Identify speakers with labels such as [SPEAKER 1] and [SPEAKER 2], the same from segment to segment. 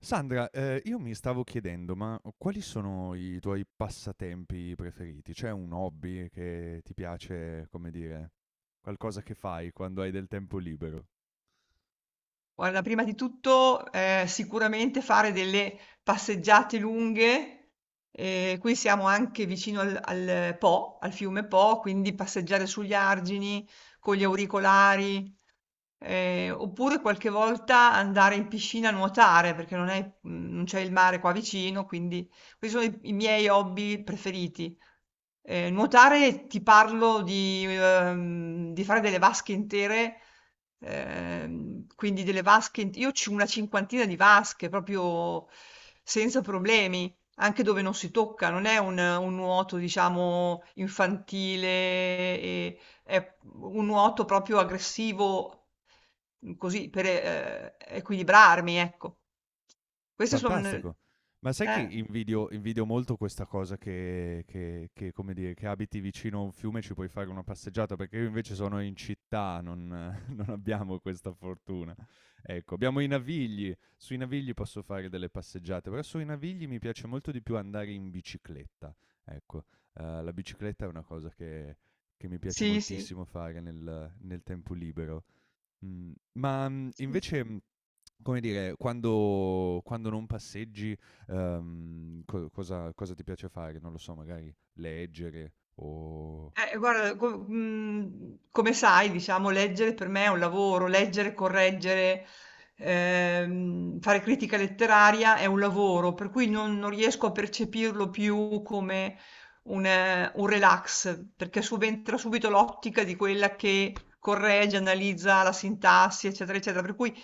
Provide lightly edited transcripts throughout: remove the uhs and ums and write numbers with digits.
[SPEAKER 1] Sandra, io mi stavo chiedendo, ma quali sono i tuoi passatempi preferiti? C'è un hobby che ti piace, come dire, qualcosa che fai quando hai del tempo libero?
[SPEAKER 2] Guarda, prima di tutto, sicuramente fare delle passeggiate lunghe, qui siamo anche vicino al Po, al fiume Po, quindi passeggiare sugli argini con gli auricolari, oppure qualche volta andare in piscina a nuotare, perché non è non c'è il mare qua vicino, quindi questi sono i miei hobby preferiti. Nuotare, ti parlo di fare delle vasche intere. Quindi delle vasche, io ho una cinquantina di vasche proprio senza problemi, anche dove non si tocca, non è un nuoto, diciamo, infantile, è un nuoto proprio aggressivo, così per equilibrarmi, ecco. Queste sono.
[SPEAKER 1] Fantastico. Ma sai che
[SPEAKER 2] Eh,
[SPEAKER 1] invidio molto questa cosa che, come dire, che abiti vicino a un fiume e ci puoi fare una passeggiata, perché io invece sono in città, non non abbiamo questa fortuna. Ecco, abbiamo i Navigli, sui Navigli posso fare delle passeggiate, però sui Navigli mi piace molto di più andare in bicicletta, ecco. La bicicletta è una cosa che mi piace
[SPEAKER 2] sì, sì.
[SPEAKER 1] moltissimo fare nel tempo libero. Mhmm, ma, mhmm,
[SPEAKER 2] Sì, sì.
[SPEAKER 1] invece mm, Come dire, quando non passeggi, co cosa ti piace fare? Non lo so, magari leggere o,
[SPEAKER 2] Guarda, come sai, diciamo, leggere per me è un lavoro, leggere, correggere, fare critica letteraria è un lavoro, per cui non riesco a percepirlo più come un relax, perché subentra subito l'ottica di quella che corregge, analizza la sintassi, eccetera, eccetera. Per cui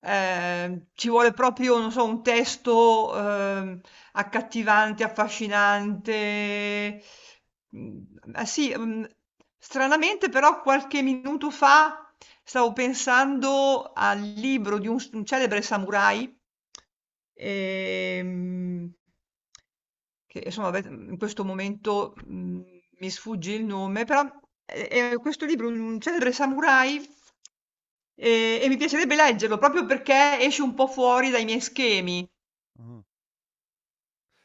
[SPEAKER 2] ci vuole proprio, non so, un testo. Accattivante, affascinante. Mhmm, ah sì. Mhmm, Stranamente però qualche minuto fa stavo pensando al libro di un celebre samurai, ehm, che insomma ave in questo momento, mi sfugge il nome, però è questo libro, un celebre samurai, e mi piacerebbe leggerlo proprio perché esce un po' fuori dai miei schemi.
[SPEAKER 1] uhm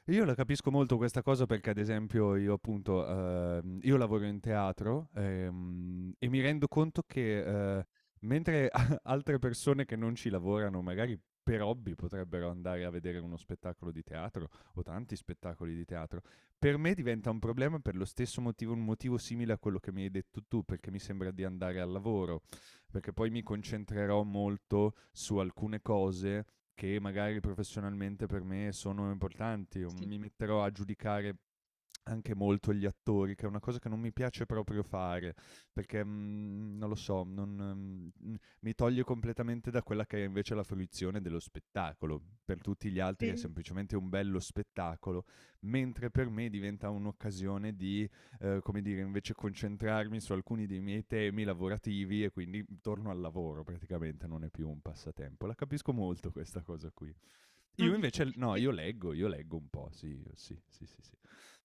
[SPEAKER 1] Io la capisco molto questa cosa perché ad esempio io appunto, io lavoro in teatro, e mi rendo conto che, ehm, mentre a altre persone che non ci lavorano, magari per hobby potrebbero andare a vedere uno spettacolo di teatro o tanti spettacoli di teatro, per me diventa un problema per lo stesso motivo un motivo simile a quello che mi hai detto tu, perché mi sembra di andare al lavoro perché poi mi concentrerò molto su alcune cose che magari professionalmente per me sono importanti, o
[SPEAKER 2] Sì,
[SPEAKER 1] mi metterò a giudicare anche molto gli attori, che è una cosa che non mi piace proprio fare, perché non lo so, non, mi toglie completamente da quella che è invece la fruizione dello spettacolo. Per tutti gli altri è
[SPEAKER 2] sì.
[SPEAKER 1] semplicemente un bello spettacolo, mentre per me diventa un'occasione di, come dire, invece concentrarmi su alcuni dei miei temi lavorativi e quindi torno al lavoro praticamente, non è più un passatempo. La capisco molto questa cosa qui. Io invece, no,
[SPEAKER 2] Mh.
[SPEAKER 1] io leggo un po', sì, sì, sì, sì, sì.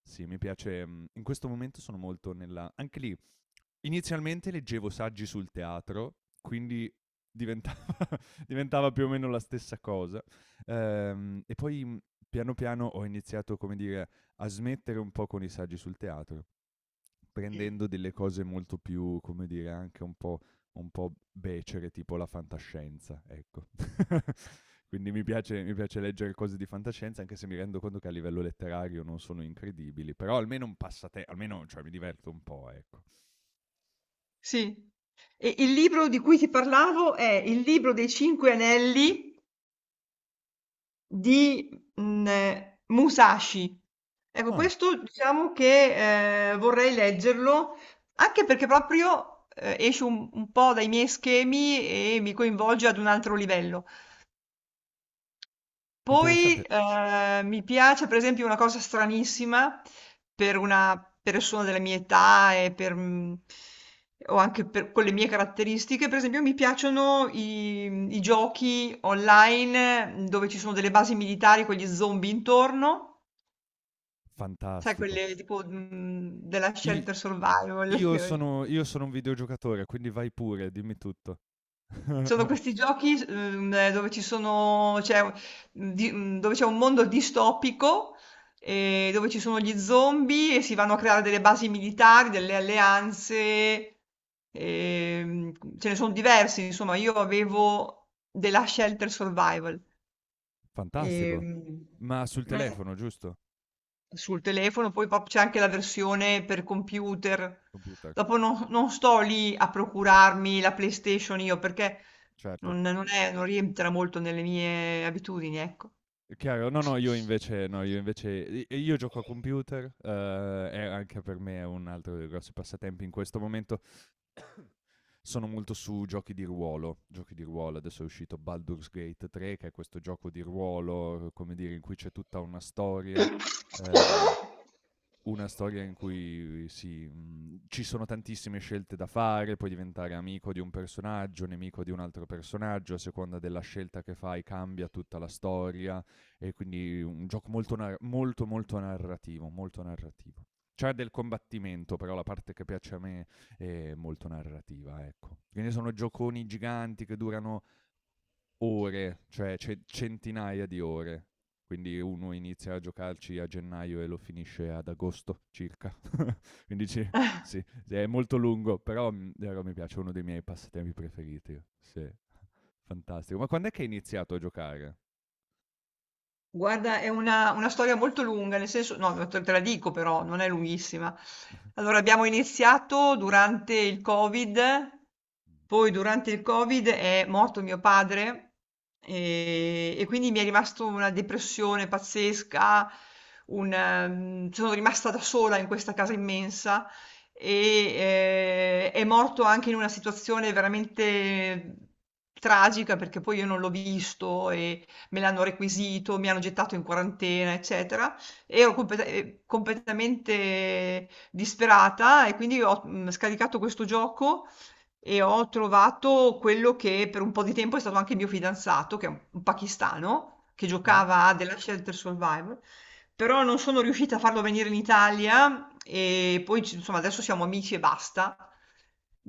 [SPEAKER 1] Sì, mi piace, in questo momento sono molto nella... Anche lì, inizialmente leggevo saggi sul teatro, quindi diventava, diventava più o meno la stessa cosa. Poi piano piano ho iniziato, come dire, a smettere un po' con i saggi sul teatro, prendendo delle cose molto più, come dire, un po' becere, tipo la fantascienza, ecco. Quindi mi piace leggere cose di fantascienza, anche se mi rendo conto che a livello letterario non sono incredibili, però almeno un passatempo, almeno cioè, mi diverto un po', ecco.
[SPEAKER 2] Sì. E il libro di cui ti parlavo è Il libro dei Cinque Anelli di, Musashi. Ecco,
[SPEAKER 1] Ah,
[SPEAKER 2] questo diciamo che, vorrei leggerlo, anche perché proprio, esce un po' dai miei schemi e mi coinvolge ad un altro livello. Poi
[SPEAKER 1] interessante,
[SPEAKER 2] mi piace, per esempio, una cosa stranissima per una persona della mia età e per, o anche per, con le mie caratteristiche, per esempio, mi piacciono i giochi online, dove ci sono delle basi militari con gli zombie intorno, sai,
[SPEAKER 1] fantastico.
[SPEAKER 2] quelle tipo della
[SPEAKER 1] I-
[SPEAKER 2] Shelter Survival.
[SPEAKER 1] io sono un videogiocatore, quindi vai pure, dimmi tutto.
[SPEAKER 2] Sono questi giochi, s dove ci sono c'è u di mhmm, dove c'è un mondo distopico, dove ci sono gli zombie e si vanno a creare delle basi militari, delle alleanze, ce ne son diversi, insomma. Io avevo The Last Shelter Survival.
[SPEAKER 1] Fantastico.
[SPEAKER 2] ehm
[SPEAKER 1] Ma sul
[SPEAKER 2] eh.
[SPEAKER 1] telefono, giusto?
[SPEAKER 2] Sul telefono, poi pop c'è anche la versione per computer.
[SPEAKER 1] Computer,
[SPEAKER 2] Dopo non sto lì a procurarmi la PlayStation io perché
[SPEAKER 1] certo.
[SPEAKER 2] non rientra molto nelle mie abitudini, ecco.
[SPEAKER 1] Chiaro, no, no, io invece, io gioco a computer, è anche per me è un altro dei grossi passatempi in questo momento. Sono molto su giochi di ruolo, adesso è uscito Baldur's Gate 3, che è questo gioco di ruolo, come dire, in cui c'è tutta una storia. Ehm, una storia in cui ci sono tantissime scelte da fare, puoi diventare amico di un personaggio, nemico di un altro personaggio, a seconda della scelta che fai cambia tutta la storia e quindi un gioco molto, molto narrativo, molto narrativo. C'è del combattimento, però la parte che piace a me è molto narrativa, ecco. Che ne so, sono gioconi giganti che durano ore, centinaia di ore. Quindi uno inizia a giocarci a gennaio e lo finisce ad agosto circa. Quindi ci- sì, sì, è molto lungo, però mi piace, è uno dei miei passatempi preferiti. Sì, fantastico. Ma quando è che hai iniziato a giocare?
[SPEAKER 2] Guarda, è una storia molto lunga, nel senso, no, te la dico, però non è lunghissima. Allora, abbiamo iniziato durante il Covid. Poi durante il Covid è morto mio padre e quindi mi è rimasto una depressione pazzesca, sono rimasta da sola in questa casa immensa e è morto anche in una situazione veramente tragica, perché poi io non l'ho visto e me l'hanno requisito, mi hanno gettato in quarantena, eccetera. E ero completamente disperata, e quindi ho scaricato questo gioco e ho trovato quello che per un po' di tempo è stato anche il mio fidanzato, che è un pakistano, che
[SPEAKER 1] Ah,
[SPEAKER 2] giocava a The Last Shelter Survival. Però non sono riuscita a farlo venire in Italia e poi insomma, adesso siamo amici e basta.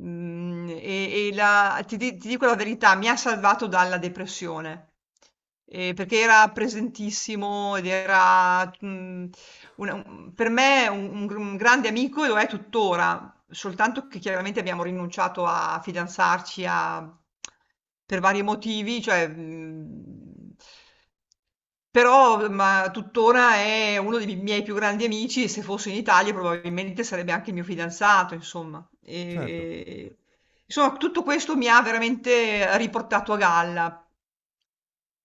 [SPEAKER 2] Ti dico la verità, mi ha salvato dalla depressione, perché era presentissimo ed era, per me un grande amico, e lo è tuttora. Soltanto che chiaramente abbiamo rinunciato a fidanzarci, a per vari motivi, cioè, mhmm però ma tuttora è uno dei miei più grandi amici e se fosse in Italia probabilmente sarebbe anche il mio fidanzato, insomma.
[SPEAKER 1] certo.
[SPEAKER 2] Insomma, tutto questo mi ha veramente riportato a galla,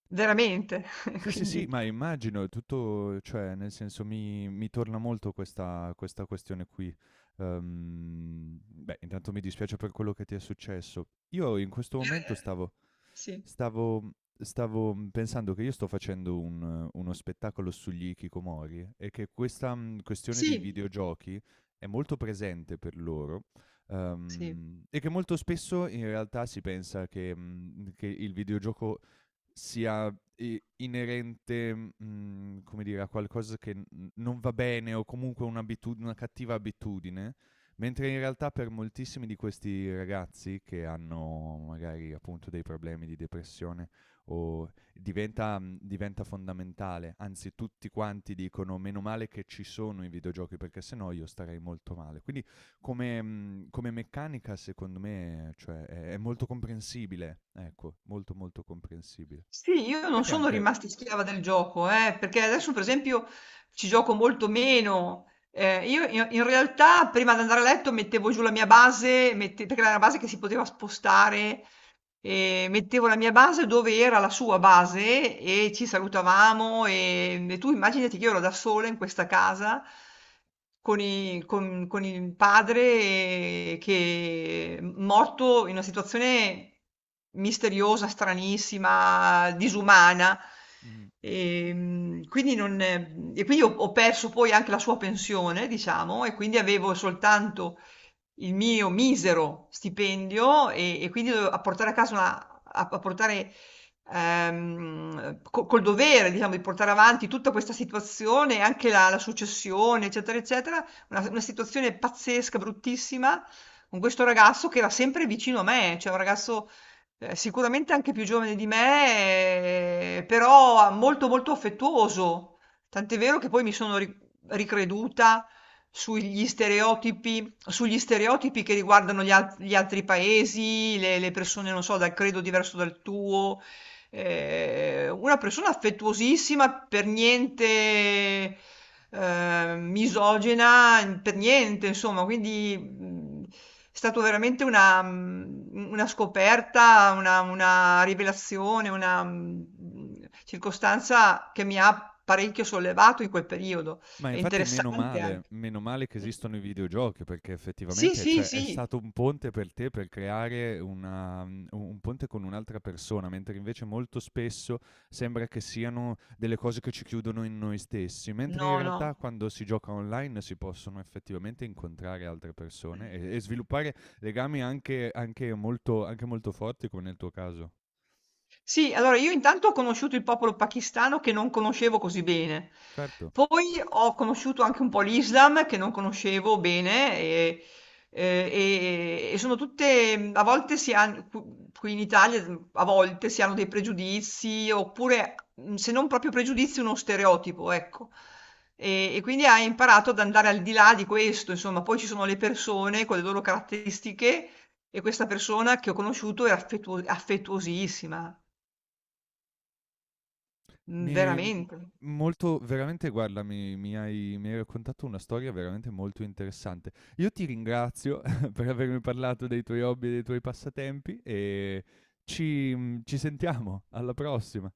[SPEAKER 2] veramente,
[SPEAKER 1] Sì, sì, sì,
[SPEAKER 2] quindi
[SPEAKER 1] ma immagino, è tutto cioè nel senso mi torna molto questa questione qui. Beh, intanto mi dispiace per quello che ti è successo. Io in questo momento
[SPEAKER 2] er sì,
[SPEAKER 1] stavo stavo pensando che io sto facendo un uno spettacolo sugli hikikomori e che questa, questione dei
[SPEAKER 2] sì,
[SPEAKER 1] videogiochi è molto presente per loro,
[SPEAKER 2] sì.
[SPEAKER 1] e che molto spesso in realtà si pensa che, che il videogioco sia i inerente, come dire, a qualcosa che n non va bene o comunque un'abitud una cattiva abitudine, mentre in realtà per moltissimi di questi ragazzi che hanno magari appunto dei problemi di depressione o diventa diventa fondamentale. Anzi, tutti quanti dicono: "Meno male che ci sono i videogiochi perché se no io starei molto male". Quindi come meccanica secondo me, cioè è molto comprensibile, ecco, molto, molto comprensibile.
[SPEAKER 2] Sì, io
[SPEAKER 1] Poi
[SPEAKER 2] non
[SPEAKER 1] ti è
[SPEAKER 2] sono
[SPEAKER 1] anche
[SPEAKER 2] rimasta schiava del gioco, perché adesso per esempio ci gioco molto meno. Io in realtà prima di andare a letto mettevo giù la mia base, perché era una base che si poteva spostare, e mettevo la mia base dove era la sua base e ci salutavamo, e tu immaginati che io ero da sola in questa casa con il padre che è morto in una situazione misteriosa, stranissima, disumana.
[SPEAKER 1] mh-mh.
[SPEAKER 2] E, mm, quindi, non, e quindi ho perso poi anche la sua pensione, diciamo, e quindi avevo soltanto il mio misero stipendio e quindi a portare a casa una, a, a portare col dovere, diciamo, di portare avanti tutta questa situazione, anche la successione, eccetera, eccetera, una situazione pazzesca, bruttissima, con questo ragazzo che era sempre vicino a me, cioè un ragazzo sicuramente anche più giovane di me, però molto molto affettuoso. Tant'è vero che poi mi sono ricreduta sugli stereotipi, sugli stereotipi che riguardano gli altri paesi, le persone, non so, dal credo diverso dal tuo. Una persona affettuosissima, per niente, misogina, n per niente, insomma. Quindi, è stato veramente una scoperta, una rivelazione, una, circostanza che mi ha parecchio sollevato in quel periodo.
[SPEAKER 1] Ma
[SPEAKER 2] È
[SPEAKER 1] infatti
[SPEAKER 2] interessante anche.
[SPEAKER 1] meno male che
[SPEAKER 2] Mh.
[SPEAKER 1] esistono i videogiochi perché
[SPEAKER 2] Sì,
[SPEAKER 1] effettivamente,
[SPEAKER 2] sì,
[SPEAKER 1] cioè, è
[SPEAKER 2] sì.
[SPEAKER 1] stato un ponte per te per creare una mhmm, u un ponte con un'altra persona, mentre invece molto spesso sembra che siano delle cose che ci chiudono in noi stessi, mentre in
[SPEAKER 2] Nono,
[SPEAKER 1] realtà quando si gioca online si possono effettivamente incontrare altre persone e sviluppare legami anche anche molto forti come nel tuo caso.
[SPEAKER 2] sì, allora io intanto ho conosciuto il popolo pakistano che non conoscevo così bene,
[SPEAKER 1] Certo.
[SPEAKER 2] poi ho conosciuto anche un po' l'Islam che non conoscevo bene eh, e sono tutte, a volte si hanno, qui in Italia a volte si hanno dei pregiudizi, oppure se non proprio pregiudizi uno stereotipo, ecco. E quindi hai imparato ad andare al di là di questo, insomma, poi ci sono le persone con le loro caratteristiche. E questa persona che ho conosciuto era affettuosissima. Mhmm,
[SPEAKER 1] Mi mhmm,
[SPEAKER 2] Veramente
[SPEAKER 1] Molto veramente guarda, mi hai raccontato una storia veramente molto interessante. Io ti ringrazio per avermi parlato dei tuoi hobby e dei tuoi passatempi e ci ci sentiamo. Alla prossima.